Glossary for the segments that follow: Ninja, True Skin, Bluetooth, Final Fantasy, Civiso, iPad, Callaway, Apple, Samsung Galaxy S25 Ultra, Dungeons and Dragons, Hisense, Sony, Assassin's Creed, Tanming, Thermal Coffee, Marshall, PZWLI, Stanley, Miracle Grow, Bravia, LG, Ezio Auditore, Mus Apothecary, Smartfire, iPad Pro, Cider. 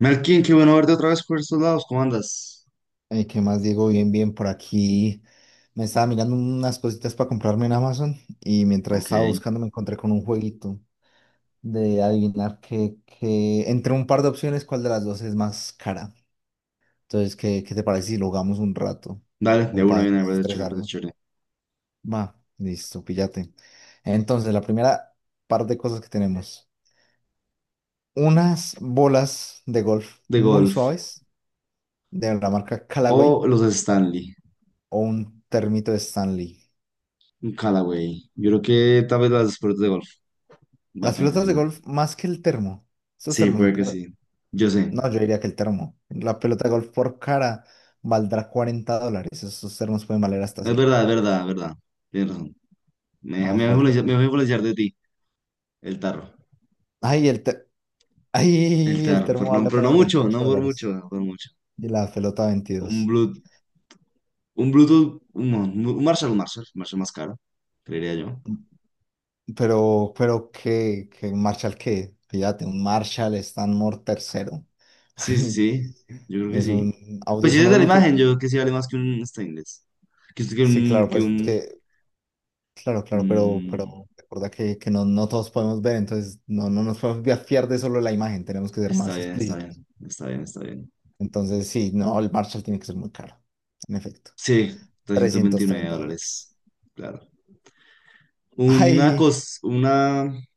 Melkin, qué bueno verte otra vez por estos lados. ¿Cómo andas? ¿Qué más, Diego? Bien, bien, por aquí me estaba mirando unas cositas para comprarme en Amazon y mientras Ok, estaba buscando me encontré con un jueguito de adivinar que entre un par de opciones cuál de las dos es más cara. Entonces, ¿qué te parece si lo jugamos un rato? dale, de Como una para viene, me parece chévere, me parece desestresarnos. chévere. Va, listo, píllate. Entonces, la primera par de cosas que tenemos. Unas bolas de golf De muy golf. suaves de la marca Callaway O los Stanley, o un termito de Stanley. un Callaway. Yo creo que tal vez las deportes de golf. Va a Las pensar pelotas que de son. golf más que el termo. Esos Sí, termos son puede que sí. caros. Yo sé. No, yo diría que el termo. La pelota de golf por cara valdrá $40. Esos termos pueden valer hasta Es cien. verdad, es verdad, es verdad. Tienes razón. Me, Vamos voy a por el influenciar me termo. voy a influenciar de ti, el tarro. Ay, el, te- El Ay, el tarro, termo vale pero no apenas mucho, no veintiocho por mucho, dólares. no por mucho. Y la pelota Un veintidós. Bluetooth, un Bluetooth, un Marshall más caro, creería yo. Pero, ¿qué? ¿Qué Marshall qué? Fíjate, un Marshall Stanmore tercero. Sí, sí, sí. Yo creo que Es sí. un Pues si es audífono de la Bluetooth. imagen, yo creo que sí vale más que un stainless. Que, que Sí, un, claro, que pues es un, que claro, claro, mm, pero recuerda que no, no todos podemos ver, entonces no, fiar de solo la imagen, tenemos que ser Está más bien, está explícitos. bien. Está bien, está bien. Entonces, sí, no, el Marshall tiene que ser muy caro, en efecto. Sí, trescientos trescientos veintinueve treinta dólares. dólares. Claro. Una Ay, cos... Una...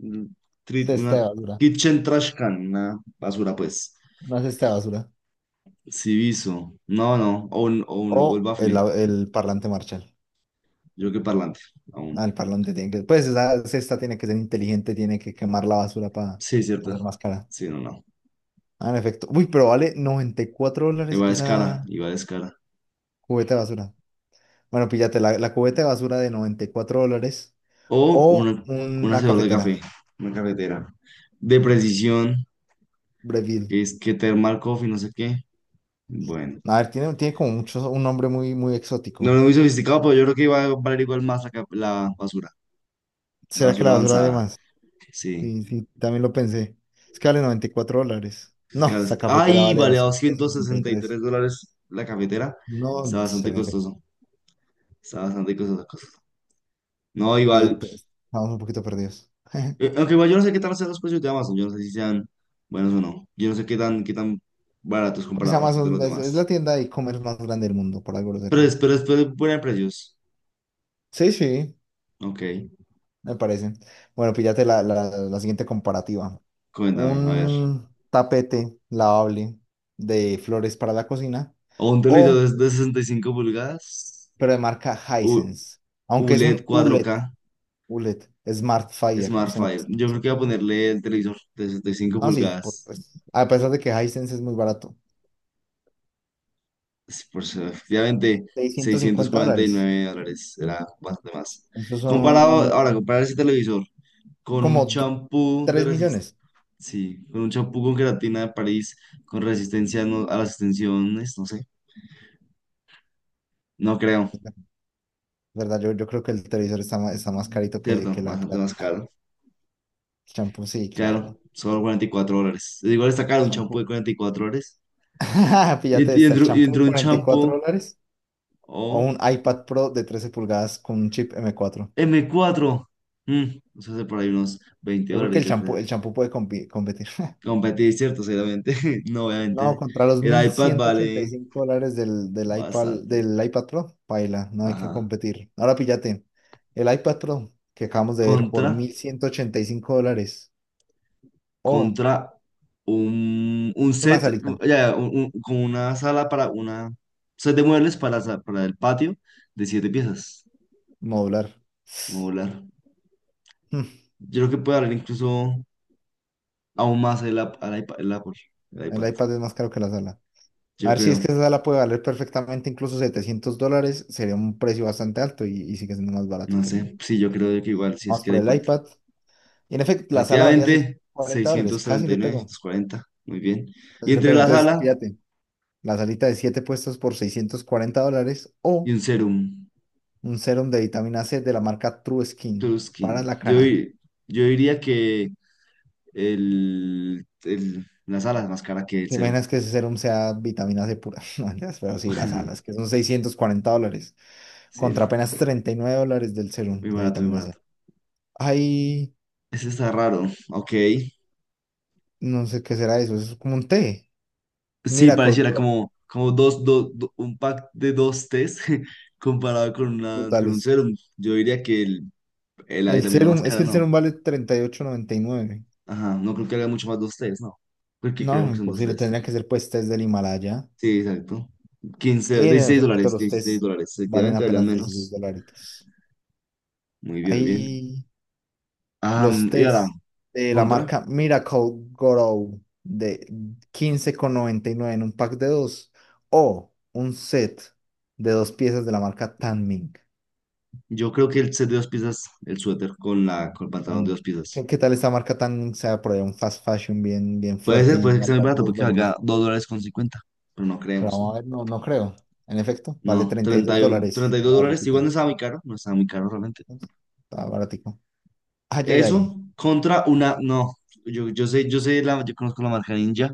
mm, tri- Una cesta de basura, kitchen trash can. Una basura, pues. Una cesta de basura. Civiso. No, no. O el O bafle. El parlante Marshall. Yo creo que parlante. Aún. Ah, el parlante tiene que, pues esa cesta tiene que ser inteligente, tiene que quemar la basura para Sí, hacer cierto. más cara. Sí, no, no. Ah, en efecto. Uy, pero vale $94 Igual es esa cara. Igual es cara. cubeta de basura. Bueno, píllate la cubeta de basura de $94 O o una un una hacedor de cafetera café, una cafetera. De precisión, Breville. que es que Thermal Coffee, no sé qué. Bueno, A ver, tiene como mucho, un nombre muy no es exótico. muy sofisticado, pero yo creo que iba a valer igual más la, la ¿Será que basura la basura de avanzada. más? Sí. Sí, sí, también lo pensé. Es que vale $94. Es No, caro, esta cafetera ¡ay! vale Vale a doscientos sesenta y 263 tres. dólares la cafetera. No Está sé, bastante en efecto, costoso. Está bastante costoso. No, sí, igual. pues, estamos un poquito perdidos. Aunque igual yo no sé qué tal sean los precios de Amazon. Yo no sé si sean buenos o no. Yo no sé qué tan baratos Porque es comparados respecto a los Amazon, es la demás. tienda de e-commerce más grande del mundo, por algo lo será. Pero es buena en precios. Sí, sí, Ok, me parece. Bueno, píllate la siguiente comparativa. cuéntame, a ver. Un tapete lavable de flores para la cocina O un televisor o, de, 65 pulgadas, pero de marca U- Hisense, aunque es ULED un cuatro ULED, k ULED, Smart Fire. Usted no, Smartfire. Yo creo que voy a ponerle el televisor de 65 no, sí, pulgadas. pues, a pesar de que Hisense es muy barato, Efectivamente, seiscientos seiscientos cincuenta cuarenta y dólares. nueve dólares era más de más. Esos Comparado, son ahora, comparar ese televisor con como un do- champú de 3 resist, millones. sí, con un champú con queratina de París, con resistencia a las extensiones, no sé. No creo, ¿Verdad? Yo creo que el televisor está más carito ¿cierto? que la Bastante más creatina. caro. Champú, sí, Claro, claro. solo $44. Igual está caro un champú de Champú. $44. Fíjate, está el Y champú entre de un 44 champú dólares o o un iPad Pro de 13 pulgadas con un chip m cuatro. M4. mm, Eso hace por ahí unos 20 Yo creo que dólares, yo creo. el champú puede competir. Competir, ¿cierto? Seguramente. No, No, obviamente. contra los El mil iPad ciento ochenta y vale cinco dólares del iPad, bastante. del iPad Pro, paila, no hay que Ajá. competir. Ahora píllate, el iPad Pro que acabamos de ver por Contra, $1,185. Oh, Contra un es una set, salita como una sala para una set de muebles para el patio de siete piezas modular. modular. Mm, Yo creo que puede haber incluso. Aún más el, al iPad, el Apple, el el iPad, iPad es más caro que la sala. A yo ver si es creo, que esa sala puede valer perfectamente incluso $700, sería un precio bastante alto y sigue siendo más barato no que el sé, sí, yo iPad. creo que igual, si es Vamos que el por el iPad, iPad. Y en efecto, la sala valía seiscientos efectivamente, cuarenta dólares, casi le 639, pego, 640, muy bien, y casi le entre pego. la Entonces, sala fíjate, la salita de 7 puestos por $640 y o un serum. un serum de vitamina C de la marca True Skin para Skin, la cara. Yo diría que la sala es más cara que el ¿Te serum. imaginas que ese serum sea vitamina C pura? No, mentiras, pero sí, las alas, que son $640, Sí, contra no, apenas $39 del serum de muy vitamina C. barato, Ay. ese está raro, ok. No sé qué será eso, eso es como un té. Sí, Miracle pareciera Grow, como dos, un pack de dos test. Comparado con, una, con un brutales. serum, yo diría que el Ali El también la serum, es máscara, que el no. serum vale 30 ocho noventa y nueve. Ajá, no creo que haga mucho más de ustedes, no. Porque No, creemos que son de imposible, ustedes. tendría que ser pues test del Himalaya. Sí, exacto. 15, Y en 16 efecto, dólares, los 16 test dólares. valen Efectivamente, valían apenas 16 menos. dólares. Muy bien, muy bien. Ahí Ah, los y ahora, test de la contra. marca Miracle Grow de 15,99 en un pack de 2 o un set de 2 piezas de la marca Tanming. Yo creo que el set de dos piezas, el suéter con el pantalón de dos tan- piezas. ¿Qué, qué tal esta marca tan, o sea, por ahí un fast fashion bien, bien fuerte y Puede ser que sea muy valga barato dos porque valga dólares? $2.50. Pero no Pero creemos, ¿no? vamos a ver, no, no creo. En efecto, vale No, treinta y treinta dos y uno, treinta dólares y dos la dólares. Igual ropita. no estaba muy caro, no estaba muy caro realmente. Entonces, está baratico. Ay, ay, Eso ay. contra una, no. Yo conozco la marca Ninja.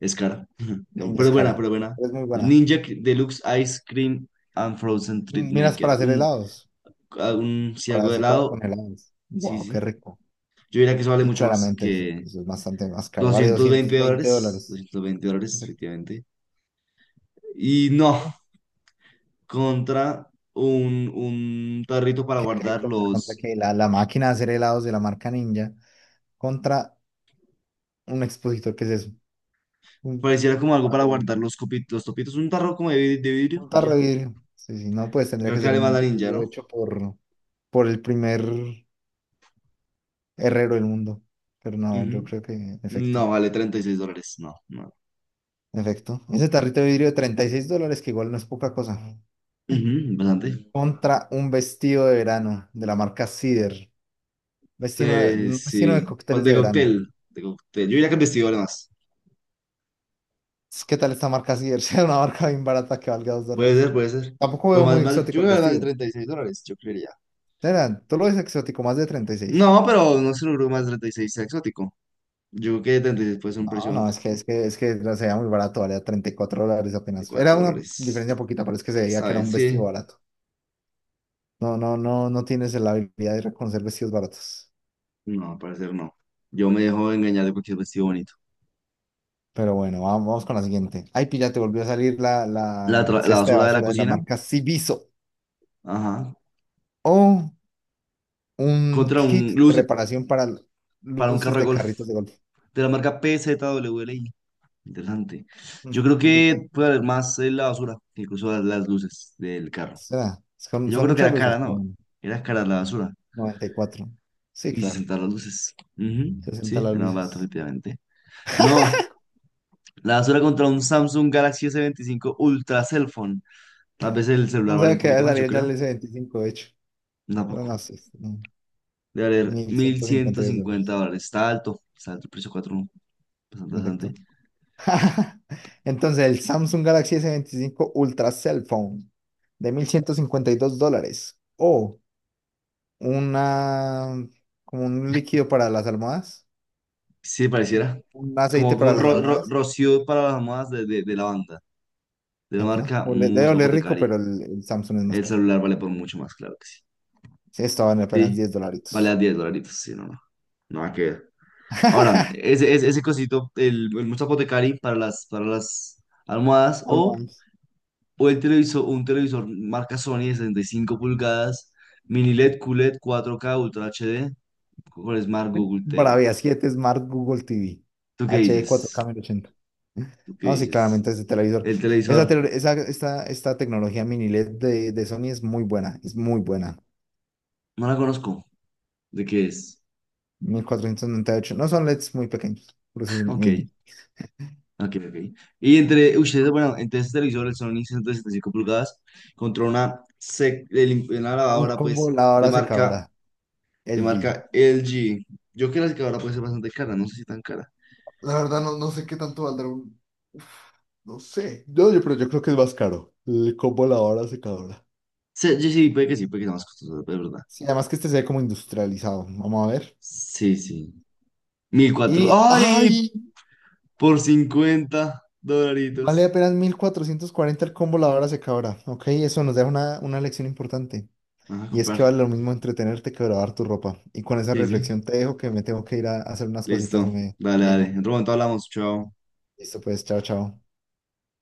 Es cara, Ninja pero es es buena, pero caro. es buena. Es muy buena. Ninja Deluxe Ice Cream and Frozen Treat Miras para Maker. hacer helados, Un si para algo de hacer cosas con helado, helados. sí, Wow, qué sí. rico. Yo diría que eso vale Y mucho más claramente eso, que eso es bastante más caro. Vale doscientos doscientos veinte veinte dólares. dólares. $220, Perfecto. efectivamente. Y no, ¿Qué? contra un tarrito para ¿Qué, guardar contra los. qué? La máquina de hacer helados de la marca Ninja contra un expositor que es eso. Mm. Pareciera como algo para Sí. guardar los copitos, los topitos. Un tarro como de, de vidrio Un y tarro ya. de vidrio. Sí, sí, no, pues Yo tendría creo que que ser vale más un la ninja, vidrio ¿no? hecho por el primer herrero del mundo. Pero no, yo Ujú. creo que, en efecto, No, vale $36. No, no. en efecto. Ese tarrito de vidrio de $36, que igual no es poca cosa. Ujú, bastante. Contra un vestido de verano de la marca Cider. Un vestido de Sí, pues cócteles de de verano. cóctel, de cóctel. Yo iría con vestido más. Pues, ¿qué tal esta marca Cider? Sea una marca bien barata que valga dos Puede ser, dólares. puede ser. Tampoco Pues veo más, muy más, exótico yo el creo que más de vestido. $36, yo creería. Será, ¿tú lo ves exótico, más de 36? No, pero no se creo que más de 36 sea exótico. Yo creo que 36 puede ser un No, precio más no, de es que se veía muy barato, valía $34 apenas. Era 4 una dólares. diferencia poquita, pero es que se veía ¿Está que era bien? un vestido Sí. barato. No, no, no, no tienes la habilidad de reconocer vestidos baratos. No, al parecer no. Yo me dejo engañar de cualquier vestido bonito. Pero bueno, vamos, vamos con la siguiente. Ay, pilla, te volvió a salir la, La, la la cesta de basura de la basura de la cocina, marca Civiso. ajá. O un Contra un kit de luz reparación para para un luces carro de de golf carritos de golf. de la marca PZWLI. Interesante. Mm, Yo creo brutal. que puede haber más en la basura, incluso las luces del carro. Será. Son, Yo son creo que muchas era luces, cara, pero ¿no? bueno, Era cara la basura. 94. Sí, Y se claro. sentaron las luces. Ujú, 60 sí, las era más barato, luces. efectivamente. No, la basura contra un Samsung Galaxy S25 Ultra Cell Phone. Tal vez el No celular vale sé un qué había poquito más, yo salido ya creo. el S25 de hecho. No, Tampoco. no, sí, sí, no. Debe valer mil mil ciento cincuenta ciento y dos cincuenta dólares, dólares. Está alto. Está alto el precio 4. Bastante, en bastante. efecto. Entonces, el Samsung Galaxy S25 Ultra Cell Phone de $1,152 o una, como un líquido para las almohadas, Sí, pareciera. un aceite Como para las almohadas. Rocío para las modas de la banda, de la Epa, marca debe Mus oler rico, Apothecary. pero el Samsung es más El caro. celular vale por mucho más, claro que sí. Sí, estaban apenas Sí, diez vale a dolaritos. 10 dolaritos, sí, no, no. Nada que ver. Ahora, ese cosito, el Mus Apothecary para las almohadas Almohadas. o el televisor, un televisor marca Sony de 65 pulgadas, mini LED, QLED, 4K Ultra HD, con Smart Google TV. Bravia 7 Smart Google TV ¿Tú qué HD dices? 4K. ¿Tú qué No, sí, dices? claramente ese televisor. El Esa, televisor, tele- esa- Esta tecnología mini LED de Sony es muy buena, es muy buena. no la conozco. ¿De qué es? 1.498. No son LEDs muy pequeños, por eso son Ok, mini. ok, ok. Y entre ustedes, bueno, entre este televisor, el Sony 175 pulgadas, contra una Un lavadora, combo pues, de lavadora marca, secadora LG. LG. Yo creo que la secadora puede ser bastante cara, no sé si tan cara. La verdad, no, no sé qué tanto valdrá un... Uf, no sé. Pero yo creo que es más caro. El combo lavadora secadora. Sí, sí, sí, puede que sea más costosa, pero es verdad. Sí, además que este se ve como industrializado. Vamos a ver. Sí, sí. 1.004. Y, ¡Ay! ¡ay! Por 50 Vale dolaritos. apenas 1.440 el combo lavadora secadora. Ok, eso nos deja una lección importante. Vamos a Y es comprar. que vale lo mismo entretenerte que lavar tu ropa. Y con esa Sí, sí. reflexión te dejo que me tengo que ir a hacer unas cositas, Listo. me Dale, dale. Diego. En otro momento hablamos. Chao. Listo, pues, chao, chao.